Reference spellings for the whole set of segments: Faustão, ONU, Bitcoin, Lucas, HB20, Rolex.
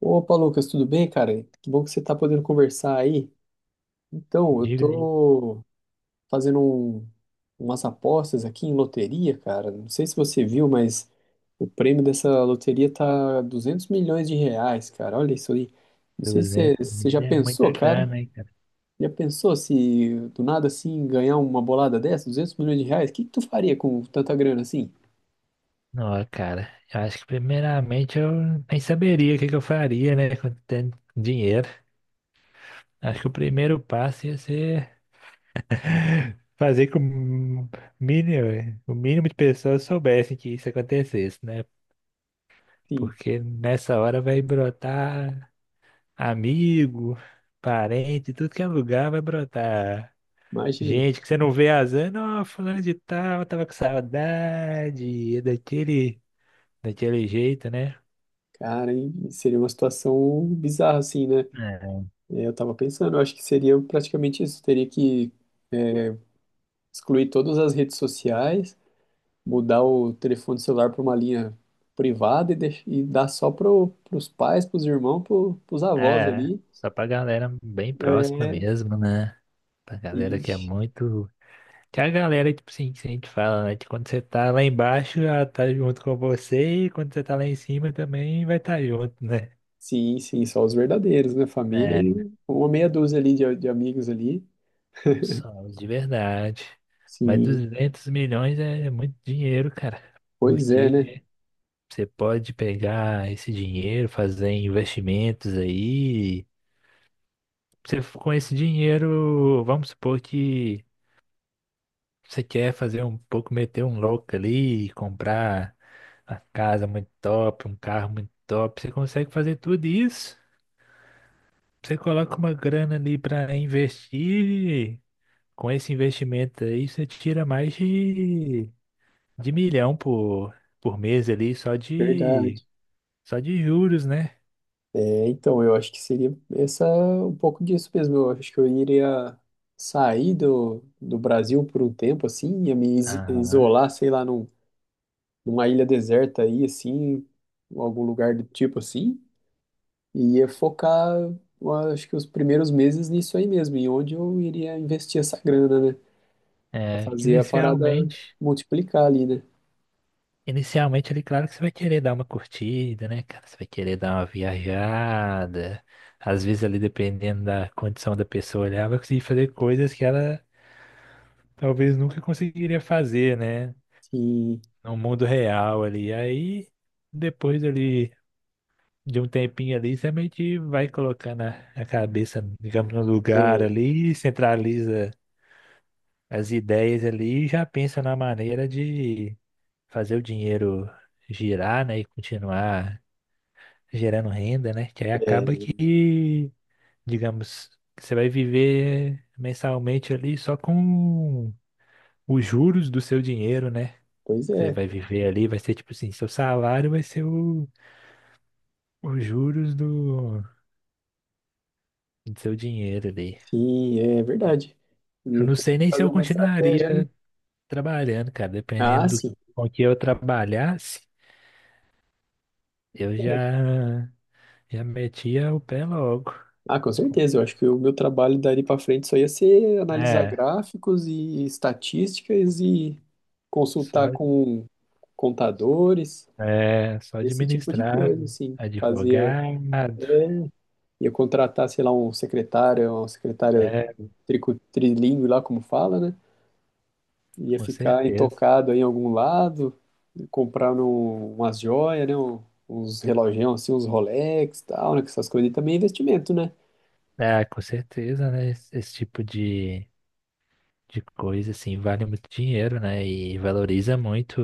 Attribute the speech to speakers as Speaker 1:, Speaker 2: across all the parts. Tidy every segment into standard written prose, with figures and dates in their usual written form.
Speaker 1: Opa, Lucas, tudo bem, cara? Que bom que você está podendo conversar aí. Então, eu
Speaker 2: Diga ali,
Speaker 1: tô fazendo umas apostas aqui em loteria, cara. Não sei se você viu, mas o prêmio dessa loteria tá 200 milhões de reais, cara. Olha isso aí. Não sei se você
Speaker 2: 200
Speaker 1: você
Speaker 2: mil
Speaker 1: já
Speaker 2: é
Speaker 1: pensou,
Speaker 2: muita
Speaker 1: cara.
Speaker 2: grana, hein, cara?
Speaker 1: Já pensou se do nada assim ganhar uma bolada dessa, 200 milhões de reais? O que que tu faria com tanta grana assim?
Speaker 2: Não, cara, eu acho que primeiramente eu nem saberia o que que eu faria, né, com tanto dinheiro. Acho que o primeiro passo ia ser fazer com o mínimo de pessoas soubessem que isso acontecesse, né?
Speaker 1: Sim,
Speaker 2: Porque nessa hora vai brotar amigo, parente, tudo que é lugar vai brotar.
Speaker 1: imagina.
Speaker 2: Gente que você não vê há anos, fulano de tal, tava com saudade é daquele jeito, né?
Speaker 1: Cara, hein? Seria uma situação bizarra assim, né? É, eu tava pensando, eu acho que seria praticamente isso. Teria que é, excluir todas as redes sociais, mudar o telefone celular para uma linha privada e, e dar só para os pais, para os irmãos, para os
Speaker 2: É,
Speaker 1: avós
Speaker 2: é,
Speaker 1: ali.
Speaker 2: só pra galera bem próxima
Speaker 1: É,
Speaker 2: mesmo, né? Pra galera que é
Speaker 1: ixi.
Speaker 2: muito. Que é a galera, tipo assim, que a gente fala, né? Que quando você tá lá embaixo, ela tá junto com você, e quando você tá lá em cima também vai estar tá junto, né?
Speaker 1: Sim, sim, só os verdadeiros, né? Família
Speaker 2: É,
Speaker 1: e uma meia dúzia ali de amigos ali.
Speaker 2: só os de verdade. Mas
Speaker 1: Sim,
Speaker 2: 200 milhões é muito dinheiro, cara.
Speaker 1: pois é, né?
Speaker 2: Porque você pode pegar esse dinheiro, fazer investimentos aí. Você, com esse dinheiro, vamos supor que você quer fazer um pouco, meter um louco ali, comprar uma casa muito top, um carro muito top, você consegue fazer tudo isso. Você coloca uma grana ali para investir, e com esse investimento aí você tira mais de milhão por mês ali, só de,
Speaker 1: Verdade.
Speaker 2: só de juros, né?
Speaker 1: É, então, eu acho que seria essa um pouco disso mesmo. Eu acho que eu iria sair do Brasil por um tempo, assim, ia me
Speaker 2: Aham.
Speaker 1: isolar, sei lá, num, numa ilha deserta aí, assim, em algum lugar do tipo assim, e ia focar, eu acho que os primeiros meses nisso aí mesmo, em onde eu iria investir essa grana, né? Pra
Speaker 2: É, que
Speaker 1: fazer a parada
Speaker 2: inicialmente.
Speaker 1: multiplicar ali, né?
Speaker 2: Inicialmente, ele, claro que você vai querer dar uma curtida, né, cara? Você vai querer dar uma viajada. Às vezes, ali, dependendo da condição da pessoa, ela vai conseguir fazer coisas que ela talvez nunca conseguiria fazer, né?
Speaker 1: Sim,
Speaker 2: No mundo real ali. Aí, depois ali de um tempinho ali, você meio que vai colocando a cabeça, digamos, no lugar
Speaker 1: é,
Speaker 2: ali, centraliza as ideias ali e já pensa na maneira de fazer o dinheiro girar, né? E continuar gerando renda, né? Que aí acaba
Speaker 1: é,
Speaker 2: que, digamos, você vai viver mensalmente ali só com os juros do seu dinheiro, né?
Speaker 1: pois
Speaker 2: Você
Speaker 1: é,
Speaker 2: vai viver ali, vai ser tipo assim, seu salário vai ser o, os juros do seu dinheiro ali.
Speaker 1: sim, é verdade.
Speaker 2: Eu
Speaker 1: Ia
Speaker 2: não
Speaker 1: ter que
Speaker 2: sei nem se
Speaker 1: fazer
Speaker 2: eu
Speaker 1: uma estratégia, né?
Speaker 2: continuaria trabalhando, cara.
Speaker 1: Ah,
Speaker 2: Dependendo do
Speaker 1: sim.
Speaker 2: com que eu trabalhasse, eu já metia o pé logo.
Speaker 1: Ah, com certeza. Eu acho que o meu trabalho dali para frente só ia ser analisar
Speaker 2: É,
Speaker 1: gráficos e estatísticas e consultar
Speaker 2: só.
Speaker 1: com contadores,
Speaker 2: É, só
Speaker 1: esse tipo de coisa,
Speaker 2: administrado,
Speaker 1: assim. Fazia,
Speaker 2: advogado,
Speaker 1: ia contratar, sei lá, um secretário, uma secretária
Speaker 2: é,
Speaker 1: trilingue lá, como fala, né? Ia
Speaker 2: com
Speaker 1: ficar
Speaker 2: certeza.
Speaker 1: intocado aí em algum lado, comprar umas joias, né? Uns relogião, assim, uns Rolex e tal, né? Que essas coisas aí também é investimento, né?
Speaker 2: É, com certeza, né? Esse tipo de coisa, assim, vale muito dinheiro, né? E valoriza muito,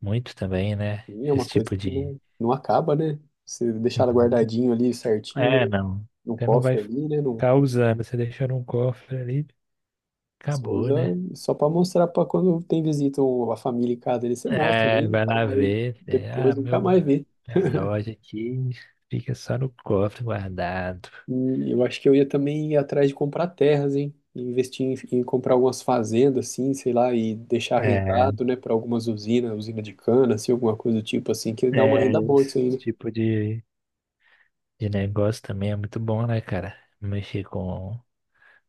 Speaker 2: muito também, né?
Speaker 1: Sim, é uma
Speaker 2: Esse
Speaker 1: coisa
Speaker 2: tipo
Speaker 1: que
Speaker 2: de...
Speaker 1: não acaba, né? Se deixar ela
Speaker 2: Uhum.
Speaker 1: guardadinho ali certinho,
Speaker 2: É,
Speaker 1: né?
Speaker 2: não.
Speaker 1: Num
Speaker 2: Você não vai
Speaker 1: cofre ali, né? Num,
Speaker 2: ficar usando, você deixa num cofre ali,
Speaker 1: só
Speaker 2: acabou,
Speaker 1: usa
Speaker 2: né?
Speaker 1: só para mostrar para quando tem visita ou a família em casa, ele você mostra
Speaker 2: É,
Speaker 1: ali, e
Speaker 2: vai
Speaker 1: tal,
Speaker 2: lá
Speaker 1: mas
Speaker 2: ver, é, ah,
Speaker 1: depois nunca
Speaker 2: meu,
Speaker 1: mais vê.
Speaker 2: é, loja aqui fica só no cofre guardado.
Speaker 1: E eu acho que eu ia também ir atrás de comprar terras, hein? E investir em comprar algumas fazendas, assim, sei lá, e deixar
Speaker 2: É.
Speaker 1: arrendado, né, para algumas usinas, usina de cana, assim, alguma coisa do tipo, assim, que dá uma
Speaker 2: É,
Speaker 1: renda boa isso
Speaker 2: esse
Speaker 1: aí, né?
Speaker 2: tipo de negócio também é muito bom, né, cara? Mexer com,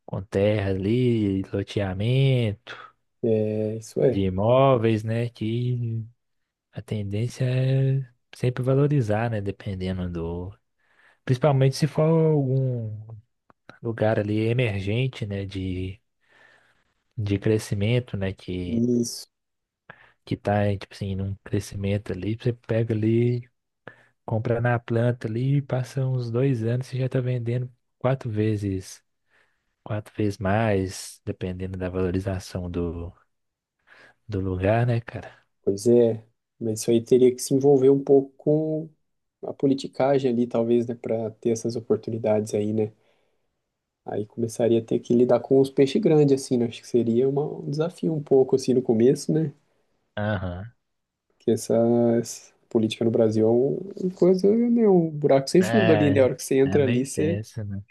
Speaker 2: com terra ali, loteamento
Speaker 1: É, isso
Speaker 2: de
Speaker 1: é.
Speaker 2: imóveis, né? Que a tendência é sempre valorizar, né? Dependendo do. Principalmente se for algum lugar ali emergente, né? De crescimento, né? Que,
Speaker 1: Isso.
Speaker 2: que tá, tipo assim, num crescimento ali, você pega ali, compra na planta ali, passa uns 2 anos, você já tá vendendo quatro vezes Quatro vezes mais, dependendo da valorização do lugar, né, cara?
Speaker 1: Pois é, mas isso aí teria que se envolver um pouco com a politicagem ali, talvez, né, para ter essas oportunidades aí, né? Aí começaria a ter que lidar com os peixes grandes, assim, né? Acho que seria um desafio um pouco, assim, no começo, né?
Speaker 2: Aham.
Speaker 1: Porque essa política no Brasil é uma coisa, né, um buraco sem fundo ali,
Speaker 2: É,
Speaker 1: né? A hora que você
Speaker 2: é
Speaker 1: entra ali,
Speaker 2: meio
Speaker 1: você...
Speaker 2: tenso, né?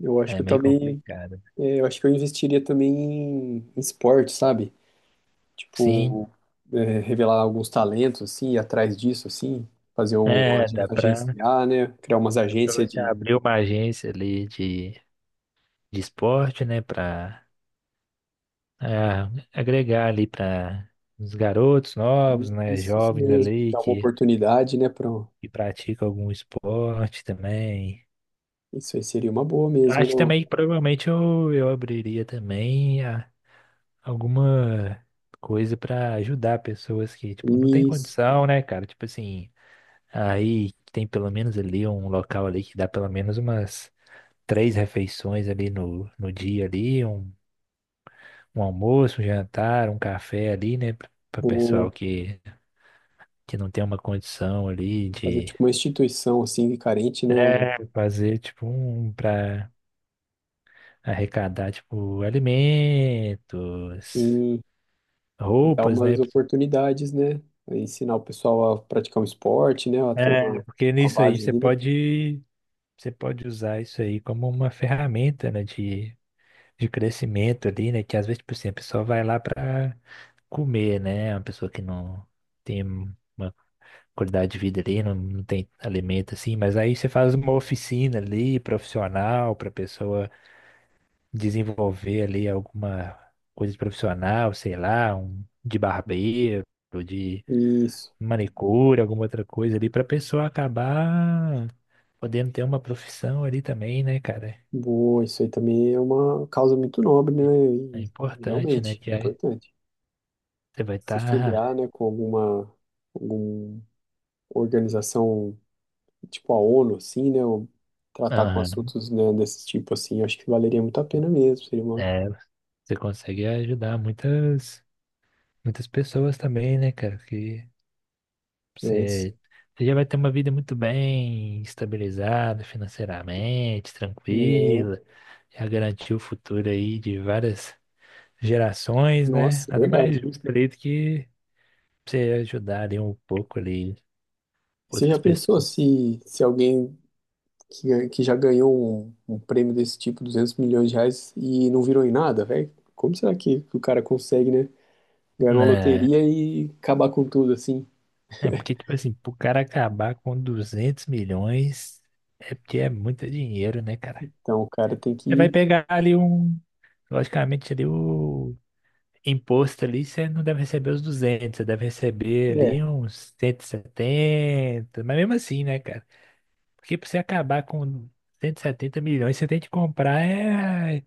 Speaker 1: Eu acho
Speaker 2: É
Speaker 1: que eu
Speaker 2: meio
Speaker 1: também...
Speaker 2: complicado.
Speaker 1: É, eu acho que eu investiria também em esporte, sabe?
Speaker 2: Sim,
Speaker 1: Tipo, revelar alguns talentos, assim, ir atrás disso, assim, fazer um
Speaker 2: é, dá pra,
Speaker 1: agenciar, né? Criar umas
Speaker 2: dá pra
Speaker 1: agências
Speaker 2: você
Speaker 1: de.
Speaker 2: abrir uma agência ali de esporte, né, pra ah, agregar ali pra os garotos novos, né,
Speaker 1: Isso
Speaker 2: jovens
Speaker 1: mesmo.
Speaker 2: ali
Speaker 1: Dar uma
Speaker 2: que,
Speaker 1: oportunidade, né? Para
Speaker 2: que praticam algum esporte também.
Speaker 1: Isso aí seria uma boa
Speaker 2: Eu
Speaker 1: mesmo,
Speaker 2: acho que
Speaker 1: não?
Speaker 2: também, provavelmente, eu abriria também alguma coisa pra ajudar pessoas que, tipo, não tem
Speaker 1: Isso,
Speaker 2: condição, né, cara? Tipo assim, aí tem pelo menos ali um local ali que dá pelo menos umas 3 refeições ali no dia ali, um almoço, um jantar, um café ali, né, pra
Speaker 1: boa.
Speaker 2: pessoal que não tem uma condição ali
Speaker 1: Fazer
Speaker 2: de
Speaker 1: tipo uma instituição, assim, carente, né? Um,
Speaker 2: fazer, tipo, um pra arrecadar, tipo, alimentos,
Speaker 1: sim, dar
Speaker 2: roupas, né?
Speaker 1: umas oportunidades, né? Ensinar o pessoal a praticar um esporte, né? A ter
Speaker 2: É, porque
Speaker 1: uma
Speaker 2: nisso aí
Speaker 1: base
Speaker 2: você
Speaker 1: ali, né?
Speaker 2: pode você pode usar isso aí como uma ferramenta, né, de crescimento ali, né, que às vezes, tipo assim, a pessoa vai lá para comer, né, uma pessoa que não tem uma qualidade de vida ali, não, não tem alimento assim, mas aí você faz uma oficina ali, profissional, para pessoa desenvolver ali alguma coisa de profissional, sei lá, um de barbeiro, de
Speaker 1: Isso.
Speaker 2: manicure, alguma outra coisa ali, para pessoa acabar podendo ter uma profissão ali também, né, cara?
Speaker 1: Boa, isso aí também é uma causa muito nobre, né?
Speaker 2: É
Speaker 1: E
Speaker 2: importante, né?
Speaker 1: realmente
Speaker 2: Que aí
Speaker 1: importante.
Speaker 2: você vai
Speaker 1: Se filiar,
Speaker 2: estar.
Speaker 1: né, com alguma, alguma organização tipo a ONU, assim, né? Ou tratar com assuntos, né, desse tipo, assim, eu acho que valeria muito a pena mesmo. Seria uma.
Speaker 2: É, você consegue ajudar muitas, muitas pessoas também, né, cara? Que
Speaker 1: É isso.
Speaker 2: você, você já vai ter uma vida muito bem estabilizada financeiramente,
Speaker 1: Né?
Speaker 2: tranquila, já garantiu o futuro aí de várias gerações, né?
Speaker 1: Nossa, é
Speaker 2: Nada
Speaker 1: verdade.
Speaker 2: mais justo ali do que você ajudar ali um pouco ali
Speaker 1: Você já
Speaker 2: outras
Speaker 1: pensou
Speaker 2: pessoas,
Speaker 1: se, se alguém que, que já ganhou um, um prêmio desse tipo, 200 milhões de reais, e não virou em nada, velho? Como será que o cara consegue, né? Ganhar uma
Speaker 2: né?
Speaker 1: loteria e acabar com tudo, assim.
Speaker 2: É porque, tipo assim, pro cara acabar com 200 milhões, é porque é muito dinheiro, né, cara?
Speaker 1: Então o cara tem
Speaker 2: Você vai
Speaker 1: que.
Speaker 2: pegar ali um, logicamente, ali o imposto ali, você não deve receber os duzentos, você deve receber ali
Speaker 1: É,
Speaker 2: uns 170, mas mesmo assim, né, cara? Porque pra você acabar com 170 milhões, você tem que comprar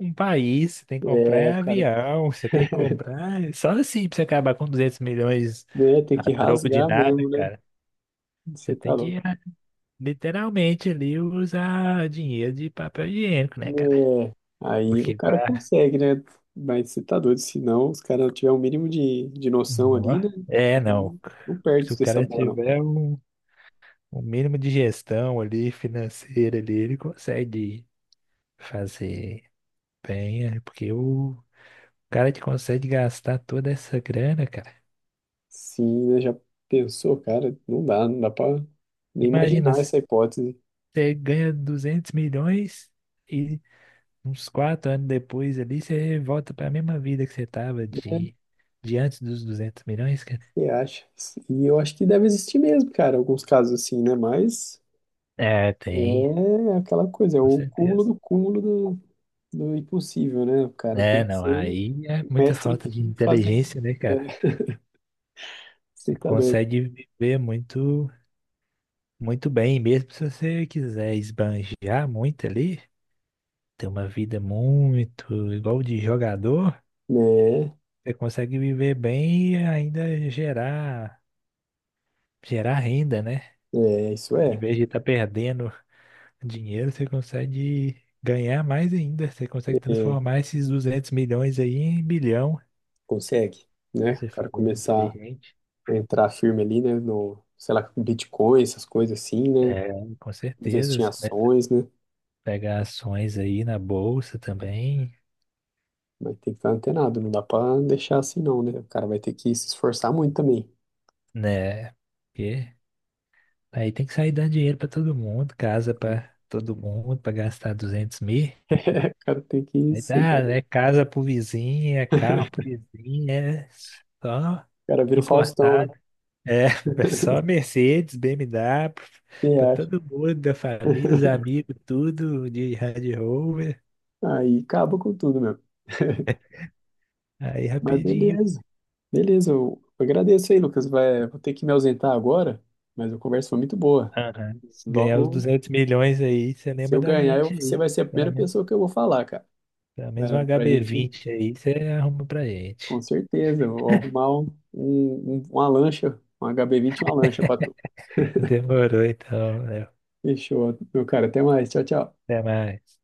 Speaker 2: um país, você tem que comprar
Speaker 1: é, o cara
Speaker 2: avião, você tem que comprar... Só assim pra você acabar com 200 milhões
Speaker 1: né, tem
Speaker 2: a
Speaker 1: que
Speaker 2: troco de
Speaker 1: rasgar
Speaker 2: nada,
Speaker 1: mesmo, né?
Speaker 2: cara. Você
Speaker 1: Você tá
Speaker 2: tem
Speaker 1: louco.
Speaker 2: que literalmente ali usa dinheiro de papel higiênico, né, cara?
Speaker 1: É, aí o
Speaker 2: Porque
Speaker 1: cara
Speaker 2: pra.
Speaker 1: consegue, né? Mas você tá doido, se não, os caras não tiver o mínimo de noção
Speaker 2: Nó.
Speaker 1: ali, né? O
Speaker 2: É,
Speaker 1: cara
Speaker 2: não.
Speaker 1: não, não
Speaker 2: Se
Speaker 1: perde
Speaker 2: o
Speaker 1: dessa
Speaker 2: cara
Speaker 1: bola, não.
Speaker 2: tiver um mínimo de gestão ali, financeira ali, ele consegue fazer bem, né? Porque o cara que consegue gastar toda essa grana, cara.
Speaker 1: Sim, né? Já pensou, cara? Não dá, não dá pra nem
Speaker 2: Imagina,
Speaker 1: imaginar essa hipótese.
Speaker 2: você ganha 200 milhões e uns 4 anos depois ali, você volta pra mesma vida que você tava
Speaker 1: É,
Speaker 2: de antes dos 200 milhões, cara.
Speaker 1: você acha? E eu acho que deve existir mesmo, cara, alguns casos assim, né? Mas.
Speaker 2: É, tem.
Speaker 1: É aquela coisa, é
Speaker 2: Com
Speaker 1: o cúmulo
Speaker 2: certeza.
Speaker 1: do do impossível, né? O cara
Speaker 2: É,
Speaker 1: tem que
Speaker 2: não,
Speaker 1: ser
Speaker 2: aí é
Speaker 1: o
Speaker 2: muita
Speaker 1: mestre
Speaker 2: falta de
Speaker 1: em fazer.
Speaker 2: inteligência, né,
Speaker 1: É,
Speaker 2: cara?
Speaker 1: você
Speaker 2: Você
Speaker 1: tá doido.
Speaker 2: consegue viver muito, muito bem, mesmo se você quiser esbanjar muito ali, ter uma vida muito igual de jogador,
Speaker 1: Né?
Speaker 2: você consegue viver bem e ainda gerar renda, né?
Speaker 1: É, isso
Speaker 2: Em
Speaker 1: é.
Speaker 2: vez de estar perdendo dinheiro, você consegue ganhar mais ainda. Você consegue
Speaker 1: É,
Speaker 2: transformar esses 200 milhões aí em bilhão,
Speaker 1: consegue,
Speaker 2: se
Speaker 1: né?
Speaker 2: você
Speaker 1: O cara
Speaker 2: for
Speaker 1: começar
Speaker 2: inteligente.
Speaker 1: a entrar firme ali, né? No, sei lá, com Bitcoin, essas coisas assim, né?
Speaker 2: É, com certeza.
Speaker 1: Investir em
Speaker 2: Você começa a
Speaker 1: ações, né?
Speaker 2: pegar ações aí na bolsa também,
Speaker 1: Vai ter que estar antenado, não dá pra deixar assim, não, né? O cara vai ter que se esforçar muito também.
Speaker 2: né? Porque aí tem que sair dando dinheiro pra todo mundo, casa pra todo mundo, pra gastar 200 mil.
Speaker 1: O cara tem que. Ir,
Speaker 2: Aí
Speaker 1: você
Speaker 2: tá,
Speaker 1: tá doido.
Speaker 2: é casa pro vizinho, é carro pro vizinho, é só
Speaker 1: O cara vira o Faustão, né?
Speaker 2: importado. É, é só Mercedes, BMW,
Speaker 1: Você
Speaker 2: pra
Speaker 1: acha?
Speaker 2: todo mundo, da família, os amigos, tudo de Range Rover.
Speaker 1: Aí acaba com tudo, meu.
Speaker 2: Aí
Speaker 1: Mas
Speaker 2: rapidinho.
Speaker 1: beleza, beleza. Eu agradeço aí, Lucas. Vai, vou ter que me ausentar agora, mas a conversa foi muito boa.
Speaker 2: Aham. Se ganhar os
Speaker 1: Logo,
Speaker 2: 200 milhões aí, você
Speaker 1: se
Speaker 2: lembra
Speaker 1: eu
Speaker 2: da
Speaker 1: ganhar,
Speaker 2: gente
Speaker 1: você
Speaker 2: aí.
Speaker 1: vai ser a
Speaker 2: Pelo
Speaker 1: primeira
Speaker 2: menos,
Speaker 1: pessoa que eu vou falar, cara.
Speaker 2: pelo menos um
Speaker 1: É, pra gente,
Speaker 2: HB20 aí, você arruma pra
Speaker 1: com
Speaker 2: gente.
Speaker 1: certeza, eu vou arrumar uma lancha, um HB20, e uma lancha pra tu.
Speaker 2: Demorou então, Léo.
Speaker 1: Fechou, meu cara. Até mais. Tchau, tchau.
Speaker 2: Até mais.